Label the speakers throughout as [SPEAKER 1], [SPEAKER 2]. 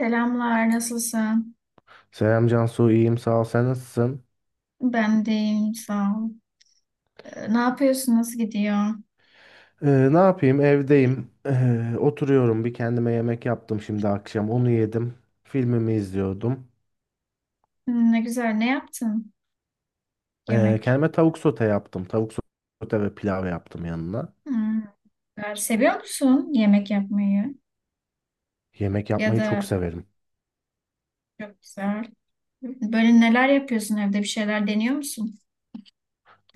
[SPEAKER 1] Selamlar, nasılsın?
[SPEAKER 2] Selam Cansu, iyiyim sağ ol. Sen nasılsın?
[SPEAKER 1] Ben de iyiyim, sağ ol. Ne yapıyorsun, nasıl gidiyor?
[SPEAKER 2] Ee, ne yapayım? Evdeyim. Oturuyorum. Bir kendime yemek yaptım şimdi akşam. Onu yedim. Filmimi izliyordum.
[SPEAKER 1] Hmm, ne güzel, ne yaptın? Yemek.
[SPEAKER 2] Kendime tavuk sote yaptım. Tavuk sote ve pilav yaptım yanına.
[SPEAKER 1] Hmm, güzel. Seviyor musun yemek yapmayı?
[SPEAKER 2] Yemek
[SPEAKER 1] Ya
[SPEAKER 2] yapmayı çok
[SPEAKER 1] da
[SPEAKER 2] severim.
[SPEAKER 1] çok güzel. Böyle neler yapıyorsun evde, bir şeyler deniyor musun?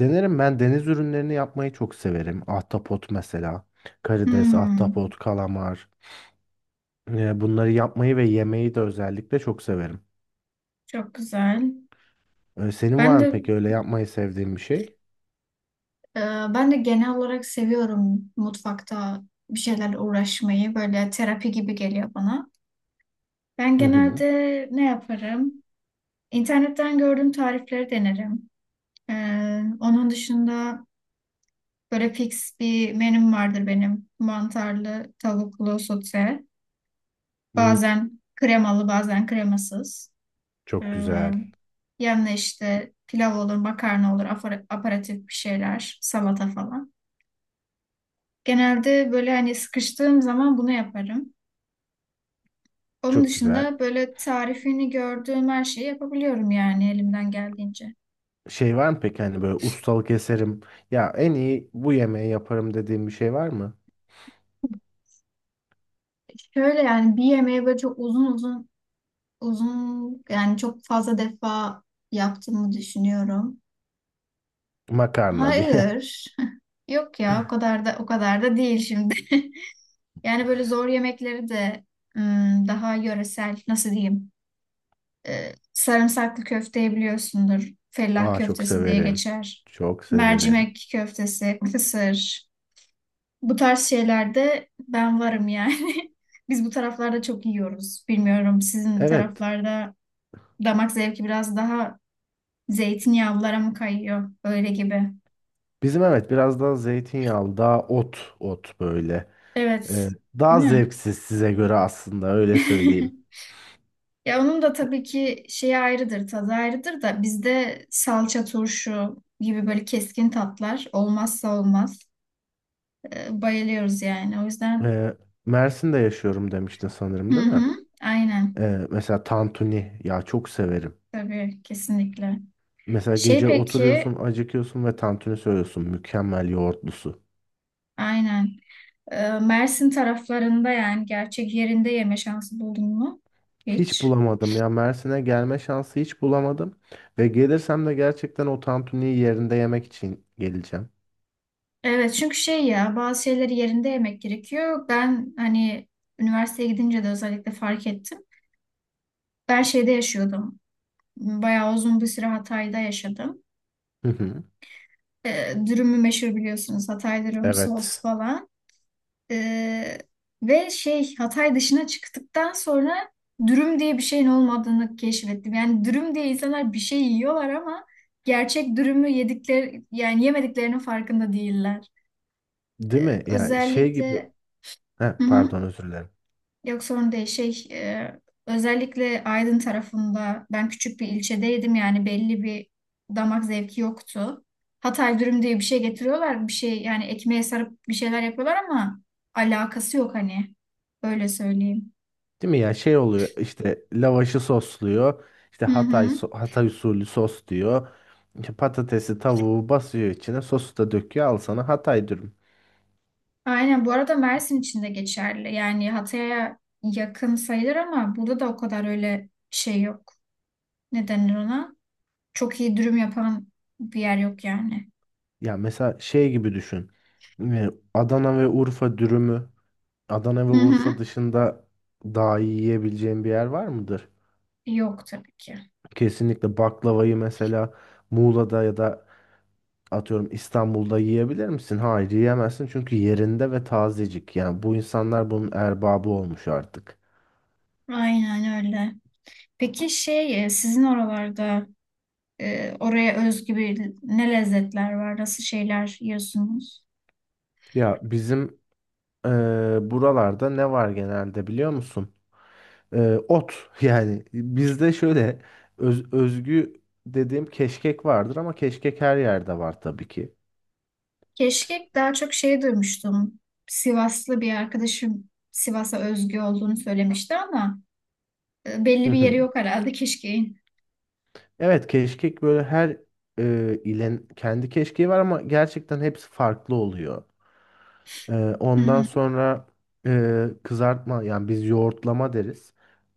[SPEAKER 2] Denerim ben deniz ürünlerini yapmayı çok severim. Ahtapot mesela. Karides,
[SPEAKER 1] Hmm,
[SPEAKER 2] ahtapot, kalamar. Bunları yapmayı ve yemeyi de özellikle çok severim.
[SPEAKER 1] çok güzel.
[SPEAKER 2] Senin
[SPEAKER 1] Ben
[SPEAKER 2] var mı
[SPEAKER 1] de
[SPEAKER 2] peki öyle yapmayı sevdiğin bir şey?
[SPEAKER 1] e, ben de genel olarak seviyorum mutfakta bir şeylerle uğraşmayı. Böyle terapi gibi geliyor bana. Ben
[SPEAKER 2] Hı hı.
[SPEAKER 1] genelde ne yaparım? İnternetten gördüğüm tarifleri denerim. Onun dışında böyle fix bir menüm vardır benim. Mantarlı, tavuklu sote.
[SPEAKER 2] Hı,
[SPEAKER 1] Bazen kremalı, bazen kremasız.
[SPEAKER 2] çok
[SPEAKER 1] Ee,
[SPEAKER 2] güzel.
[SPEAKER 1] Yanına işte pilav olur, makarna olur, aparatif bir şeyler, salata falan. Genelde böyle hani sıkıştığım zaman bunu yaparım. Onun
[SPEAKER 2] Çok güzel.
[SPEAKER 1] dışında böyle tarifini gördüğüm her şeyi yapabiliyorum yani elimden geldiğince.
[SPEAKER 2] Şey var mı peki hani böyle ustalık eserim ya en iyi bu yemeği yaparım dediğim bir şey var mı?
[SPEAKER 1] Şöyle yani bir yemeği böyle çok uzun uzun uzun yani çok fazla defa yaptığımı düşünüyorum.
[SPEAKER 2] Makarna diye.
[SPEAKER 1] Hayır. Yok ya o kadar da o kadar da değil şimdi. Yani böyle zor yemekleri de daha yöresel nasıl diyeyim? Sarımsaklı köfteyi biliyorsundur. Fellah
[SPEAKER 2] Aa çok
[SPEAKER 1] köftesi diye
[SPEAKER 2] severim.
[SPEAKER 1] geçer.
[SPEAKER 2] Çok severim.
[SPEAKER 1] Mercimek köftesi, kısır. Bu tarz şeylerde ben varım yani. Biz bu taraflarda çok yiyoruz. Bilmiyorum sizin
[SPEAKER 2] Evet.
[SPEAKER 1] taraflarda damak zevki biraz daha zeytinyağlılara mı kayıyor? Öyle gibi.
[SPEAKER 2] Bizim evet biraz daha zeytinyağlı daha ot ot böyle.
[SPEAKER 1] Evet.
[SPEAKER 2] Ee, daha
[SPEAKER 1] Değil mi?
[SPEAKER 2] zevksiz size göre aslında öyle söyleyeyim.
[SPEAKER 1] Ya onun da tabii ki şeyi ayrıdır, tadı ayrıdır da bizde salça, turşu gibi böyle keskin tatlar olmazsa olmaz. Bayılıyoruz yani. O yüzden.
[SPEAKER 2] Ee, Mersin'de yaşıyorum demiştin
[SPEAKER 1] Hı
[SPEAKER 2] sanırım değil mi?
[SPEAKER 1] hı, aynen.
[SPEAKER 2] Mesela tantuni ya çok severim.
[SPEAKER 1] Tabii kesinlikle.
[SPEAKER 2] Mesela
[SPEAKER 1] Şey
[SPEAKER 2] gece
[SPEAKER 1] peki,
[SPEAKER 2] oturuyorsun acıkıyorsun ve tantuni söylüyorsun mükemmel yoğurtlusu.
[SPEAKER 1] aynen. Mersin taraflarında yani gerçek yerinde yeme şansı buldun mu?
[SPEAKER 2] Hiç
[SPEAKER 1] Hiç.
[SPEAKER 2] bulamadım ya. Mersin'e gelme şansı hiç bulamadım. Ve gelirsem de gerçekten o tantuniyi yerinde yemek için geleceğim.
[SPEAKER 1] Evet çünkü şey ya bazı şeyleri yerinde yemek gerekiyor. Ben hani üniversiteye gidince de özellikle fark ettim. Ben şeyde yaşıyordum. Bayağı uzun bir süre Hatay'da yaşadım.
[SPEAKER 2] Hı hı.
[SPEAKER 1] Dürümü meşhur biliyorsunuz. Hatay dürüm, sos
[SPEAKER 2] Evet.
[SPEAKER 1] falan. Ee, Ve şey Hatay dışına çıktıktan sonra dürüm diye bir şeyin olmadığını keşfettim. Yani dürüm diye insanlar bir şey yiyorlar ama gerçek dürümü yedikleri yani yemediklerinin farkında değiller.
[SPEAKER 2] Değil mi? Ya şey gibi.
[SPEAKER 1] Özellikle.
[SPEAKER 2] Heh,
[SPEAKER 1] Hı hı.
[SPEAKER 2] pardon özür dilerim.
[SPEAKER 1] Yok sorun değil. Şey, özellikle Aydın tarafında ben küçük bir ilçedeydim yani belli bir damak zevki yoktu. Hatay dürüm diye bir şey getiriyorlar. Bir şey yani ekmeğe sarıp bir şeyler yapıyorlar ama alakası yok hani. Öyle söyleyeyim.
[SPEAKER 2] Değil mi ya şey oluyor işte lavaşı sosluyor. İşte
[SPEAKER 1] Hı
[SPEAKER 2] Hatay,
[SPEAKER 1] hı.
[SPEAKER 2] Hatay usulü sos diyor. İşte patatesi tavuğu basıyor içine sosu da döküyor al sana Hatay dürüm.
[SPEAKER 1] Aynen bu arada Mersin için de geçerli. Yani Hatay'a yakın sayılır ama burada da o kadar öyle şey yok. Ne denir ona? Çok iyi dürüm yapan bir yer yok yani.
[SPEAKER 2] Ya mesela şey gibi düşün. Adana ve Urfa dürümü Adana ve
[SPEAKER 1] Hı
[SPEAKER 2] Urfa
[SPEAKER 1] hı.
[SPEAKER 2] dışında daha iyi yiyebileceğim bir yer var mıdır?
[SPEAKER 1] Yok tabii ki.
[SPEAKER 2] Kesinlikle baklavayı mesela Muğla'da ya da atıyorum İstanbul'da yiyebilir misin? Hayır yiyemezsin çünkü yerinde ve tazecik. Yani bu insanlar bunun erbabı olmuş artık.
[SPEAKER 1] Aynen öyle. Peki şey, sizin oralarda, oraya özgü bir ne lezzetler var? Nasıl şeyler yiyorsunuz?
[SPEAKER 2] Ya bizim eee, buralarda ne var genelde biliyor musun? Ot yani bizde şöyle özgü dediğim keşkek vardır ama keşkek her yerde var tabii ki.
[SPEAKER 1] Keşkek daha çok şey duymuştum. Sivaslı bir arkadaşım Sivas'a özgü olduğunu söylemişti ama belli bir yeri yok herhalde keşkeğin.
[SPEAKER 2] Evet keşkek böyle her ilin kendi keşkeği var ama gerçekten hepsi farklı oluyor. E,
[SPEAKER 1] Hı
[SPEAKER 2] ondan
[SPEAKER 1] hı.
[SPEAKER 2] sonra kızartma yani biz yoğurtlama deriz.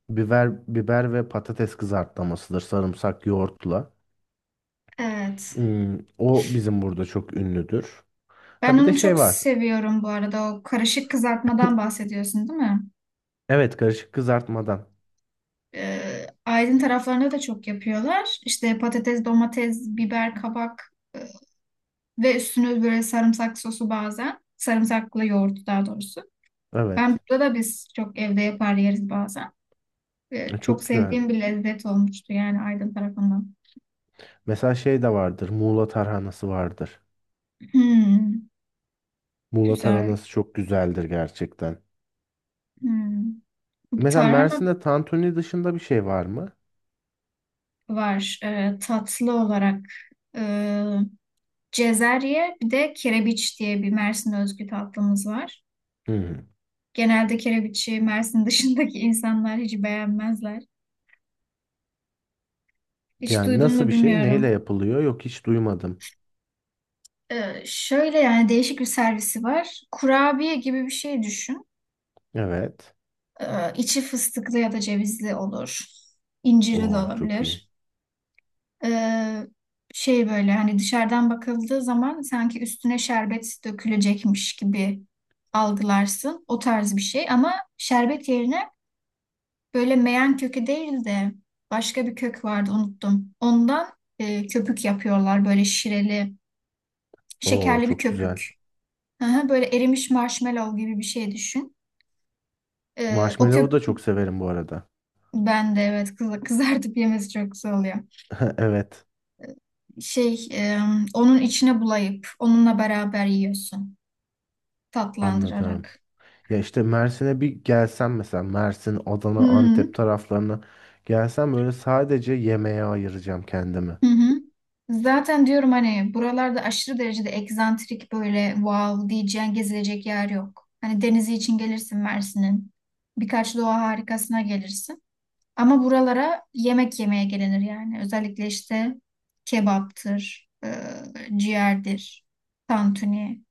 [SPEAKER 2] Biber biber ve patates kızartlamasıdır sarımsak yoğurtla.
[SPEAKER 1] Evet.
[SPEAKER 2] Hmm, o bizim burada çok ünlüdür.
[SPEAKER 1] Ben
[SPEAKER 2] Ha bir de
[SPEAKER 1] onu
[SPEAKER 2] şey
[SPEAKER 1] çok
[SPEAKER 2] var.
[SPEAKER 1] seviyorum bu arada. O karışık kızartmadan bahsediyorsun değil mi?
[SPEAKER 2] Evet karışık kızartmadan.
[SPEAKER 1] Aydın taraflarında da çok yapıyorlar. İşte patates, domates, biber, kabak ve üstüne böyle sarımsak sosu bazen. Sarımsaklı yoğurt daha doğrusu. Ben
[SPEAKER 2] Evet.
[SPEAKER 1] burada da biz çok evde yapar yeriz bazen. Çok
[SPEAKER 2] Çok güzel.
[SPEAKER 1] sevdiğim bir lezzet olmuştu yani Aydın tarafından.
[SPEAKER 2] Mesela şey de vardır. Muğla tarhanası vardır.
[SPEAKER 1] Hmm,
[SPEAKER 2] Muğla
[SPEAKER 1] güzel.
[SPEAKER 2] tarhanası çok güzeldir gerçekten.
[SPEAKER 1] Hmm.
[SPEAKER 2] Mesela
[SPEAKER 1] Tarhana
[SPEAKER 2] Mersin'de tantuni dışında bir şey var mı?
[SPEAKER 1] var tatlı olarak. E, Cezerye bir de kerebiç diye bir Mersin özgü tatlımız var.
[SPEAKER 2] Hmm.
[SPEAKER 1] Genelde kerebiçi Mersin dışındaki insanlar hiç beğenmezler. Hiç
[SPEAKER 2] Yani
[SPEAKER 1] duydun
[SPEAKER 2] nasıl
[SPEAKER 1] mu
[SPEAKER 2] bir şey? Neyle
[SPEAKER 1] bilmiyorum.
[SPEAKER 2] yapılıyor? Yok hiç duymadım.
[SPEAKER 1] Şöyle yani değişik bir servisi var. Kurabiye gibi bir şey düşün.
[SPEAKER 2] Evet.
[SPEAKER 1] İçi fıstıklı ya da cevizli olur. İncirli de
[SPEAKER 2] Oo çok iyi.
[SPEAKER 1] olabilir. Ee, Şey böyle hani dışarıdan bakıldığı zaman sanki üstüne şerbet dökülecekmiş gibi algılarsın. O tarz bir şey ama şerbet yerine böyle meyan kökü değil de başka bir kök vardı unuttum. Ondan köpük yapıyorlar böyle şireli,
[SPEAKER 2] Oo
[SPEAKER 1] şekerli bir
[SPEAKER 2] çok güzel.
[SPEAKER 1] köpük. Aha, böyle erimiş marshmallow gibi bir şey düşün. O köp
[SPEAKER 2] Marshmallow'u da çok severim bu arada.
[SPEAKER 1] bende evet, kızartıp yemesi çok güzel oluyor.
[SPEAKER 2] Evet,
[SPEAKER 1] Şey onun içine bulayıp onunla beraber yiyorsun
[SPEAKER 2] anladım.
[SPEAKER 1] tatlandırarak.
[SPEAKER 2] Ya işte Mersin'e bir gelsem mesela Mersin,
[SPEAKER 1] Hı
[SPEAKER 2] Adana,
[SPEAKER 1] hı.
[SPEAKER 2] Antep taraflarına gelsem böyle sadece yemeğe ayıracağım kendimi.
[SPEAKER 1] Hı hı. Zaten diyorum hani buralarda aşırı derecede egzantrik böyle wow diyeceğin gezilecek yer yok. Hani denizi için gelirsin Mersin'in. Birkaç doğa harikasına gelirsin. Ama buralara yemek yemeye gelinir yani. Özellikle işte kebaptır, ciğerdir, tantuni.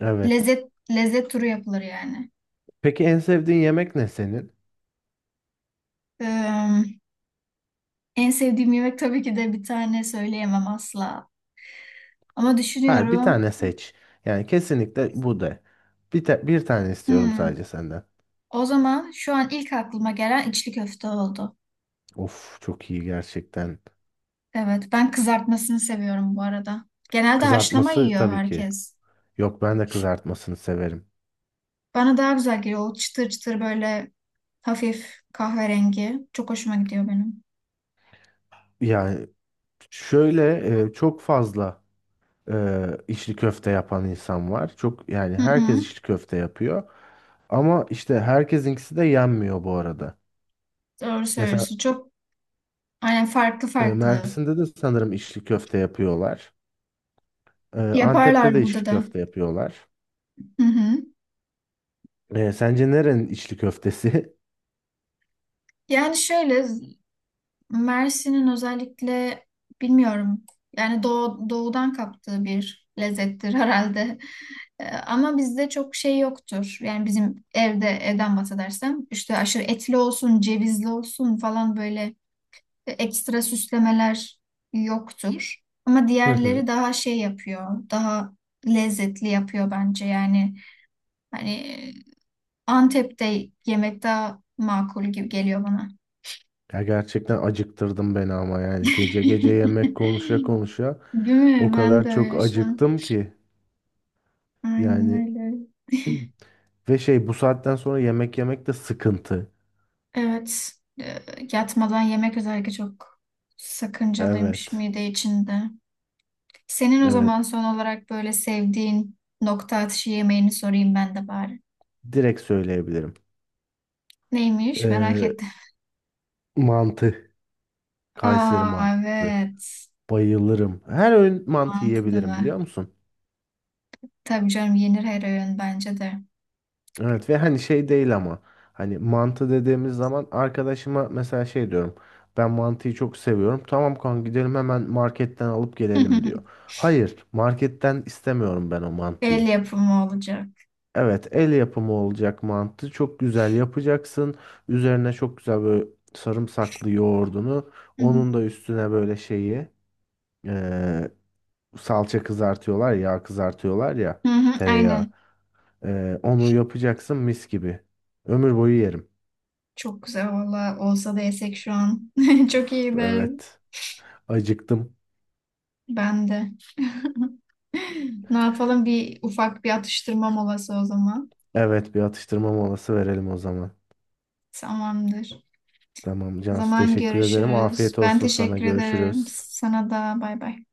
[SPEAKER 2] Evet.
[SPEAKER 1] Lezzet, lezzet turu yapılır yani.
[SPEAKER 2] Peki en sevdiğin yemek ne senin?
[SPEAKER 1] E, En sevdiğim yemek tabii ki de bir tane söyleyemem asla. Ama
[SPEAKER 2] Her bir
[SPEAKER 1] düşünüyorum.
[SPEAKER 2] tane seç. Yani kesinlikle bu de. Bir, bir tane istiyorum
[SPEAKER 1] hmm,
[SPEAKER 2] sadece senden.
[SPEAKER 1] O zaman şu an ilk aklıma gelen içli köfte oldu.
[SPEAKER 2] Of çok iyi gerçekten.
[SPEAKER 1] Evet, ben kızartmasını seviyorum bu arada. Genelde haşlama
[SPEAKER 2] Kızartması
[SPEAKER 1] yiyor
[SPEAKER 2] tabii ki.
[SPEAKER 1] herkes.
[SPEAKER 2] Yok ben de kızartmasını severim.
[SPEAKER 1] Bana daha güzel geliyor. O çıtır çıtır böyle hafif kahverengi. Çok hoşuma gidiyor benim.
[SPEAKER 2] Yani şöyle çok fazla içli köfte yapan insan var. Çok yani
[SPEAKER 1] Hı
[SPEAKER 2] herkes
[SPEAKER 1] hı.
[SPEAKER 2] içli köfte yapıyor. Ama işte herkesinkisi de yenmiyor bu arada.
[SPEAKER 1] Doğru
[SPEAKER 2] Mesela
[SPEAKER 1] söylüyorsun. Çok aynen farklı farklı.
[SPEAKER 2] Mersin'de de sanırım içli köfte yapıyorlar. Antep'te
[SPEAKER 1] Yaparlar
[SPEAKER 2] de
[SPEAKER 1] burada
[SPEAKER 2] içli
[SPEAKER 1] da.
[SPEAKER 2] köfte yapıyorlar.
[SPEAKER 1] Hı hı.
[SPEAKER 2] Sence nerenin içli köftesi?
[SPEAKER 1] Yani şöyle Mersin'in özellikle bilmiyorum. Yani doğudan kaptığı bir lezzettir herhalde. Ama bizde çok şey yoktur. Yani bizim evden bahsedersem işte aşırı etli olsun, cevizli olsun falan böyle ekstra süslemeler yoktur. Ama
[SPEAKER 2] Hı hı.
[SPEAKER 1] diğerleri daha şey yapıyor, daha lezzetli yapıyor bence. Yani hani Antep'te yemek daha makul gibi geliyor bana.
[SPEAKER 2] Ya gerçekten acıktırdım beni ama yani gece gece yemek konuşa konuşa.
[SPEAKER 1] Değil
[SPEAKER 2] O
[SPEAKER 1] mi? Ben de
[SPEAKER 2] kadar çok
[SPEAKER 1] öyle şu an.
[SPEAKER 2] acıktım ki
[SPEAKER 1] Aynen
[SPEAKER 2] yani
[SPEAKER 1] öyle.
[SPEAKER 2] ve şey bu saatten sonra yemek yemek de sıkıntı.
[SPEAKER 1] Evet. E, Yatmadan yemek özellikle çok sakıncalıymış
[SPEAKER 2] Evet.
[SPEAKER 1] mide içinde. Senin o
[SPEAKER 2] Evet.
[SPEAKER 1] zaman son olarak böyle sevdiğin nokta atışı yemeğini sorayım ben de bari.
[SPEAKER 2] Direkt söyleyebilirim.
[SPEAKER 1] Neymiş? Merak
[SPEAKER 2] Ee,
[SPEAKER 1] ettim.
[SPEAKER 2] mantı. Kayseri
[SPEAKER 1] Aa
[SPEAKER 2] mantısı.
[SPEAKER 1] evet.
[SPEAKER 2] Bayılırım. Her öğün mantı
[SPEAKER 1] Mantıklı
[SPEAKER 2] yiyebilirim biliyor
[SPEAKER 1] mı?
[SPEAKER 2] musun?
[SPEAKER 1] Tabii canım yenir her öğün bence de.
[SPEAKER 2] Evet ve hani şey değil ama hani mantı dediğimiz zaman arkadaşıma mesela şey diyorum. Ben mantıyı çok seviyorum. Tamam kanka gidelim hemen marketten alıp gelelim diyor. Hayır, marketten istemiyorum ben o
[SPEAKER 1] El
[SPEAKER 2] mantıyı.
[SPEAKER 1] yapımı olacak.
[SPEAKER 2] Evet, el yapımı olacak mantı. Çok güzel yapacaksın. Üzerine çok güzel böyle sarımsaklı yoğurdunu.
[SPEAKER 1] Hı hı,
[SPEAKER 2] Onun da üstüne böyle şeyi eee, salça kızartıyorlar, yağ kızartıyorlar ya
[SPEAKER 1] hı hı,
[SPEAKER 2] tereyağı.
[SPEAKER 1] aynen.
[SPEAKER 2] Onu yapacaksın mis gibi. Ömür boyu yerim.
[SPEAKER 1] Çok güzel valla. Olsa da yesek şu an. Çok
[SPEAKER 2] Of,
[SPEAKER 1] iyi de.
[SPEAKER 2] evet. Acıktım.
[SPEAKER 1] Ben de. Ne yapalım? Bir atıştırma molası o zaman.
[SPEAKER 2] Evet, bir atıştırma molası verelim o zaman.
[SPEAKER 1] Tamamdır.
[SPEAKER 2] Tamam
[SPEAKER 1] O
[SPEAKER 2] Cansu
[SPEAKER 1] zaman
[SPEAKER 2] teşekkür ederim.
[SPEAKER 1] görüşürüz.
[SPEAKER 2] Afiyet
[SPEAKER 1] Ben
[SPEAKER 2] olsun sana.
[SPEAKER 1] teşekkür ederim.
[SPEAKER 2] Görüşürüz.
[SPEAKER 1] Sana da bay bay.